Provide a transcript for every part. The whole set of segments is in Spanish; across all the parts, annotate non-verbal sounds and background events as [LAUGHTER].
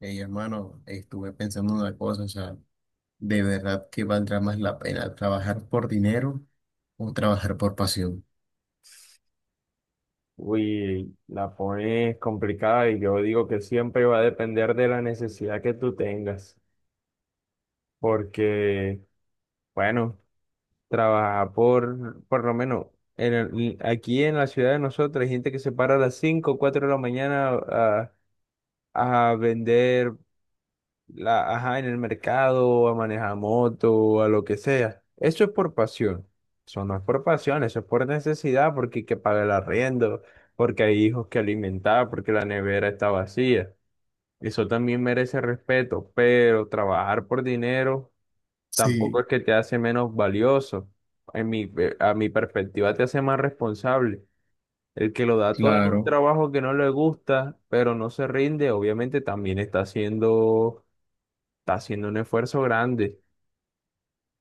Hey, hermano, estuve pensando en una cosa, o sea, ¿de verdad que valdrá más la pena trabajar por dinero o trabajar por pasión? Uy, la pones complicada y yo digo que siempre va a depender de la necesidad que tú tengas, porque, bueno, trabajar por lo menos, aquí en la ciudad de nosotros hay gente que se para a las cinco o 4 de la mañana a vender la, ajá, en el mercado, a manejar moto, a lo que sea. Eso es por pasión. Eso no es por pasión, eso es por necesidad, porque hay que pagar el arriendo, porque hay hijos que alimentar, porque la nevera está vacía. Eso también merece respeto, pero trabajar por dinero tampoco Sí, es que te hace menos valioso. A mi perspectiva te hace más responsable. El que lo da todo en un claro, trabajo que no le gusta, pero no se rinde, obviamente también está haciendo un esfuerzo grande.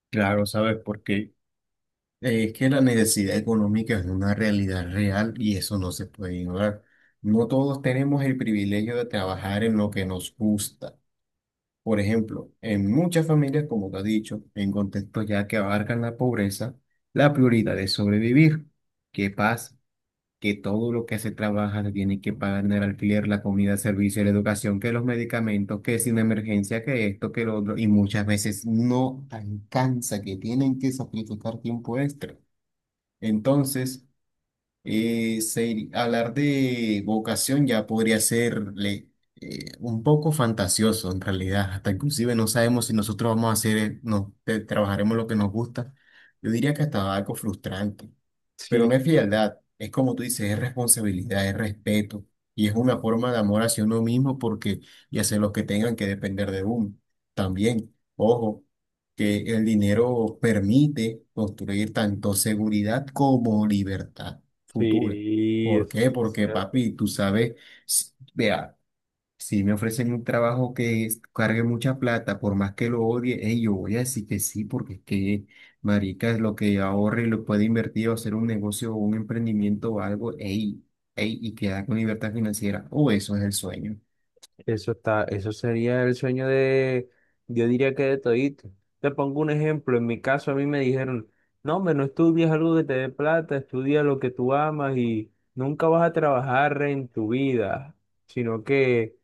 claro, ¿sabes por qué? Es que la necesidad económica es una realidad real y eso no se puede ignorar. No todos tenemos el privilegio de trabajar en lo que nos gusta. Por ejemplo, en muchas familias, como te has dicho, en contextos ya que abarcan la pobreza, la prioridad es sobrevivir. ¿Qué pasa? Que todo lo que se trabaja se tiene que pagar en el alquiler, la comida, el servicio, la educación, que los medicamentos, que sin emergencia, que esto, que lo otro, y muchas veces no alcanza, que tienen que sacrificar tiempo extra. Entonces, hablar de vocación ya podría ser un poco fantasioso en realidad. Hasta inclusive no sabemos si nosotros vamos a hacer, no, trabajaremos lo que nos gusta. Yo diría que hasta algo frustrante, pero no Sí, es frialdad, es como tú dices, es responsabilidad, es respeto y es una forma de amor hacia uno mismo porque y hacia los que tengan que depender de uno. También, ojo, que el dinero permite construir tanto seguridad como libertad futura. sí, ¿Por eso qué? sí es Porque, cierto. papi, tú sabes, vea, si me ofrecen un trabajo que cargue mucha plata, por más que lo odie, ey, yo voy a decir que sí, porque es que, marica, es lo que ahorre y lo puede invertir o hacer un negocio o un emprendimiento o algo, ey, ey, y queda con libertad financiera. O eso es el sueño. Eso está, eso sería el sueño de, yo diría que de todito. Te pongo un ejemplo, en mi caso a mí me dijeron, no, hombre, no estudies algo que te dé plata, estudia lo que tú amas y nunca vas a trabajar en tu vida, sino que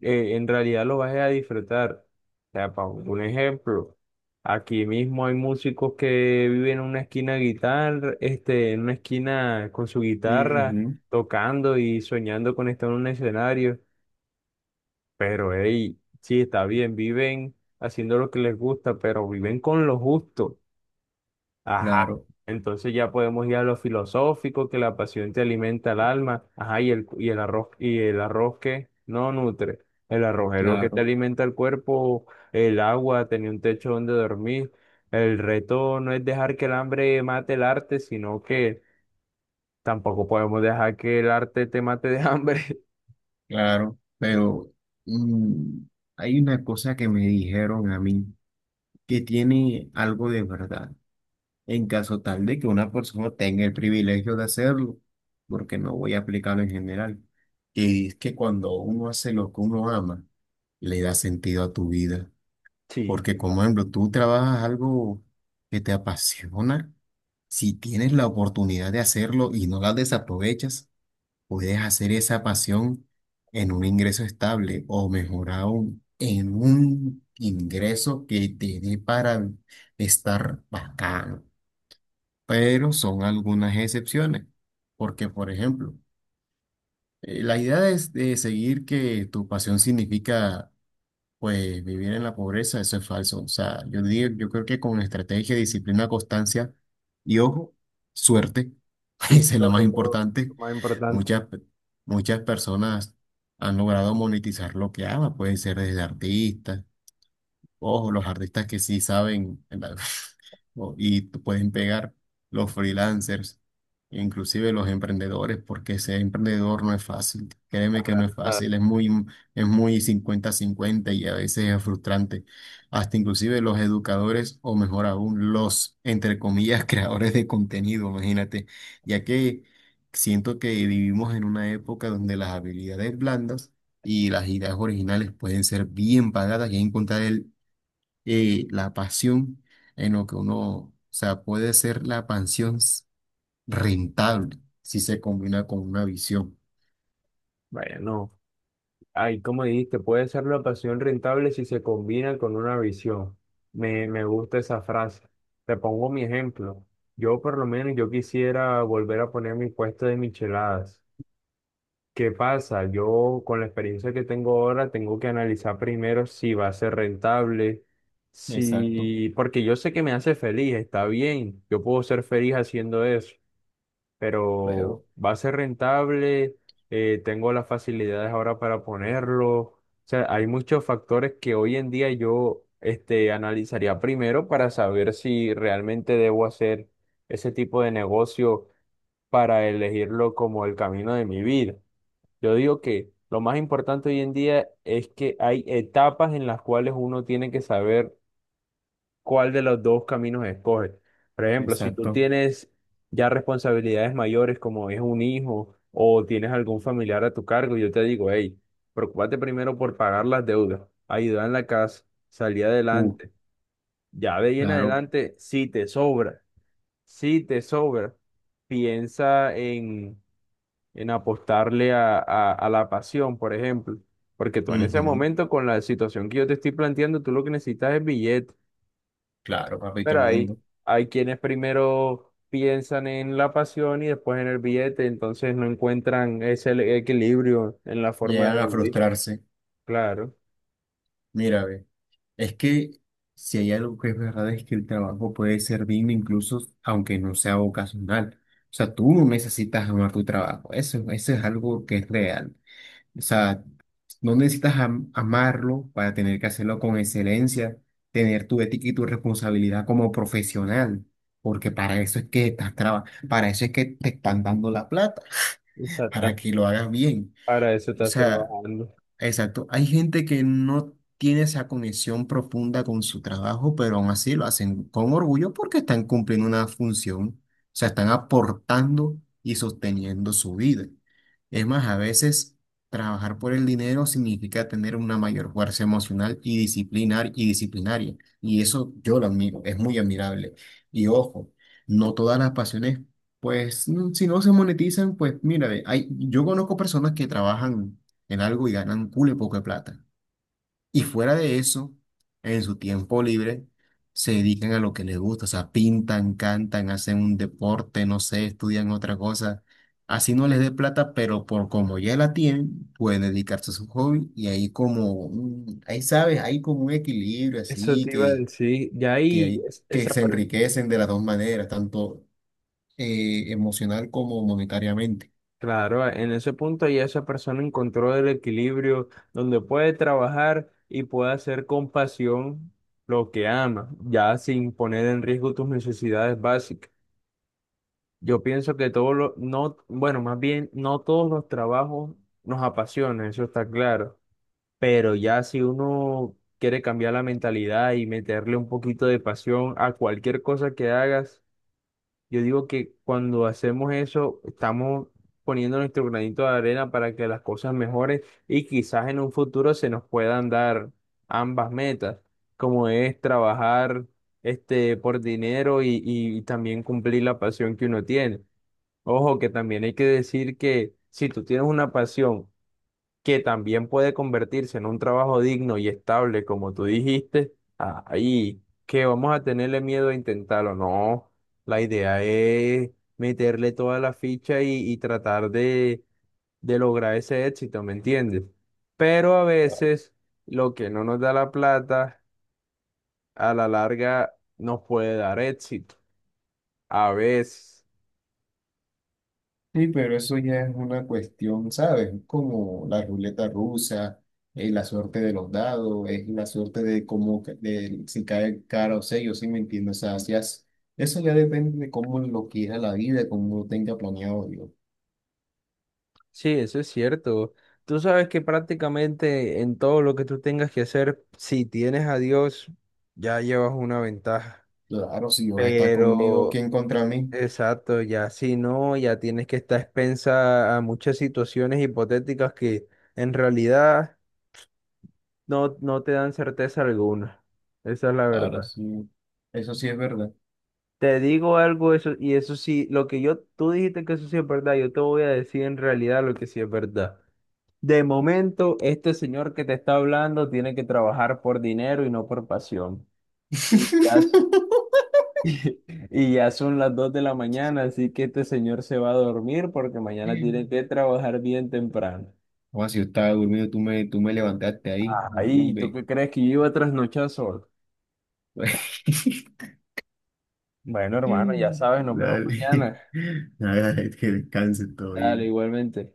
en realidad lo vas a disfrutar. O sea, para un ejemplo, aquí mismo hay músicos que viven en una esquina con su guitarra, Ujú. tocando y soñando con estar en un escenario. Pero hey, sí, está bien, viven haciendo lo que les gusta, pero viven con lo justo. Ajá. Claro, Entonces ya podemos ir a lo filosófico, que la pasión te alimenta el alma. Ajá, y el arroz que no nutre. El arroz es lo que te claro, alimenta el cuerpo, el agua, tener un techo donde dormir. El reto no es dejar que el hambre mate el arte, sino que tampoco podemos dejar que el arte te mate de hambre. [LAUGHS] claro. Pero mm, hay una cosa que me dijeron a mí que tiene algo de verdad. En caso tal de que una persona tenga el privilegio de hacerlo, porque no voy a aplicarlo en general. Y es que cuando uno hace lo que uno ama, le da sentido a tu vida. Sí, Porque, como ejemplo, tú trabajas algo que te apasiona, si tienes la oportunidad de hacerlo y no la desaprovechas, puedes hacer esa pasión en un ingreso estable o mejor aún, en un ingreso que te dé para estar bacán, pero son algunas excepciones, porque por ejemplo, la idea es de seguir que tu pasión significa pues vivir en la pobreza, eso es falso. O sea, yo digo, yo creo que con estrategia, disciplina, constancia y ojo, suerte. [LAUGHS] sí, Esa es la más sobre todo, lo importante. más importante. Muchas, pe- muchas personas han logrado monetizar lo que aman, pueden ser desde artistas. Ojo, los artistas que sí saben, y pueden pegar los freelancers, inclusive los emprendedores, porque ser emprendedor no es fácil. Créeme que Para no es nada. fácil, es muy cincuenta cincuenta y a veces es frustrante. Hasta inclusive los educadores, o mejor aún, los, entre comillas, [LAUGHS] creadores de contenido, imagínate, ya que siento que vivimos en una época donde las habilidades blandas y las ideas originales pueden ser bien pagadas y encontrar el y la pasión en lo que uno, o sea, puede ser la pasión rentable si se combina con una visión. Bueno. Ay, como dijiste, puede ser la pasión rentable si se combina con una visión. Me gusta esa frase. Te pongo mi ejemplo. Yo por lo menos yo quisiera volver a poner mi puesto de micheladas. ¿Qué pasa? Yo con la experiencia que tengo ahora tengo que analizar primero si va a ser rentable, Exacto, si porque yo sé que me hace feliz, está bien. Yo puedo ser feliz haciendo eso, pero pero, va a ser rentable, tengo las facilidades ahora para ponerlo. O sea, hay muchos factores que hoy en día yo analizaría primero para saber si realmente debo hacer ese tipo de negocio para elegirlo como el camino de mi vida. Yo digo que lo más importante hoy en día es que hay etapas en las cuales uno tiene que saber cuál de los dos caminos escoges. Por ejemplo, si tú exacto. tienes ya responsabilidades mayores como es un hijo o tienes algún familiar a tu cargo, yo te digo, hey, preocúpate primero por pagar las deudas, ayudar en la casa, salir Uh, adelante. Ya de ahí en claro. adelante, si te sobra, si te sobra, piensa en, apostarle a la pasión, por ejemplo. Porque tú en ese Ujú. momento, con la situación que yo te estoy planteando, tú lo que necesitas es billete. Claro, papito, el Pero hay, mundo. hay quienes primero piensan en la pasión y después en el billete, entonces no encuentran ese equilibrio en la forma de Llegan a vivir. frustrarse. Claro, Mira, ve, es que si hay algo que es verdad es que el trabajo puede ser digno incluso aunque no sea vocacional. O sea, tú no necesitas amar tu trabajo. Eso es algo que es real. O sea, no necesitas amarlo para tener que hacerlo con excelencia, tener tu ética y tu responsabilidad como profesional, porque para eso es que estás trabajando, para eso es que te están dando la plata, [LAUGHS] para exactamente. que lo hagas bien. Para eso O estás sea, trabajando. exacto. Hay gente que no tiene esa conexión profunda con su trabajo, pero aún así lo hacen con orgullo porque están cumpliendo una función, o sea, están aportando y sosteniendo su vida. Es más, a veces trabajar por el dinero significa tener una mayor fuerza emocional y disciplinar y disciplinaria. Y eso yo lo admiro, es muy admirable. Y ojo, no todas las pasiones, pues, si no se monetizan, pues mira, ve, hay, yo conozco personas que trabajan en algo y ganan cule poco de plata. Y fuera de eso, en su tiempo libre, se dedican a lo que les gusta, o sea, pintan, cantan, hacen un deporte, no sé, estudian otra cosa. Así no les dé plata, pero por como ya la tienen, pueden dedicarse a su hobby y ahí como, ahí sabes, hay como un equilibrio Eso así te iba a que, decir. Ya que ahí, hay, es- que esa, se per- enriquecen de las dos maneras, tanto emocional como monetariamente. Claro, en ese punto ya esa persona encontró el equilibrio donde puede trabajar y puede hacer con pasión lo que ama, ya sin poner en riesgo tus necesidades básicas. Yo pienso que no, bueno, más bien, no todos los trabajos nos apasionan, eso está claro. Pero ya si uno quiere cambiar la mentalidad y meterle un poquito de pasión a cualquier cosa que hagas, yo digo que cuando hacemos eso, estamos poniendo nuestro granito de arena para que las cosas mejoren y quizás en un futuro se nos puedan dar ambas metas, como es trabajar este por dinero y también cumplir la pasión que uno tiene. Ojo, que también hay que decir que si tú tienes una pasión que también puede convertirse en un trabajo digno y estable, como tú dijiste, ahí que vamos a tenerle miedo a intentarlo. No, la idea es meterle toda la ficha y tratar de lograr ese éxito, ¿me entiendes? Pero a veces lo que no nos da la plata, a la larga nos puede dar éxito. A veces. Sí, pero eso ya es una cuestión, ¿sabes? Como la ruleta rusa, la suerte de los dados, es la suerte de cómo, de si cae cara o sello, ¿sí me entiendes? O sea, si has- eso ya depende de cómo lo quiera la vida, cómo lo tenga planeado Dios. Sí, eso es cierto. Tú sabes que prácticamente en todo lo que tú tengas que hacer, si tienes a Dios, ya llevas una ventaja. Claro, si Dios está conmigo, Pero, ¿quién contra mí? exacto, ya si no, ya tienes que estar expensa a muchas situaciones hipotéticas que en realidad no te dan certeza alguna. Esa es la Claro, verdad. sí. Eso sí es verdad. Te digo algo, eso, y eso sí, lo que yo, tú dijiste que eso sí es verdad, yo te voy a decir en realidad lo que sí es verdad. De momento, este señor que te está hablando tiene que trabajar por dinero y no por pasión. Y ya, [LAUGHS] [LAUGHS] y ya son las 2 de la mañana, así que este señor se va a dormir porque mañana tiene que trabajar bien temprano. O si yo estaba durmiendo, tú me levantaste ahí. Ay, ¿tú Hombre. qué crees que yo iba a trasnochar solo? [LAUGHS] Bueno, [LAUGHS] hermano, ya sabes, nos vemos Dale. mañana. [LAUGHS] Nada, que descanse, todo Dale, bien. igualmente.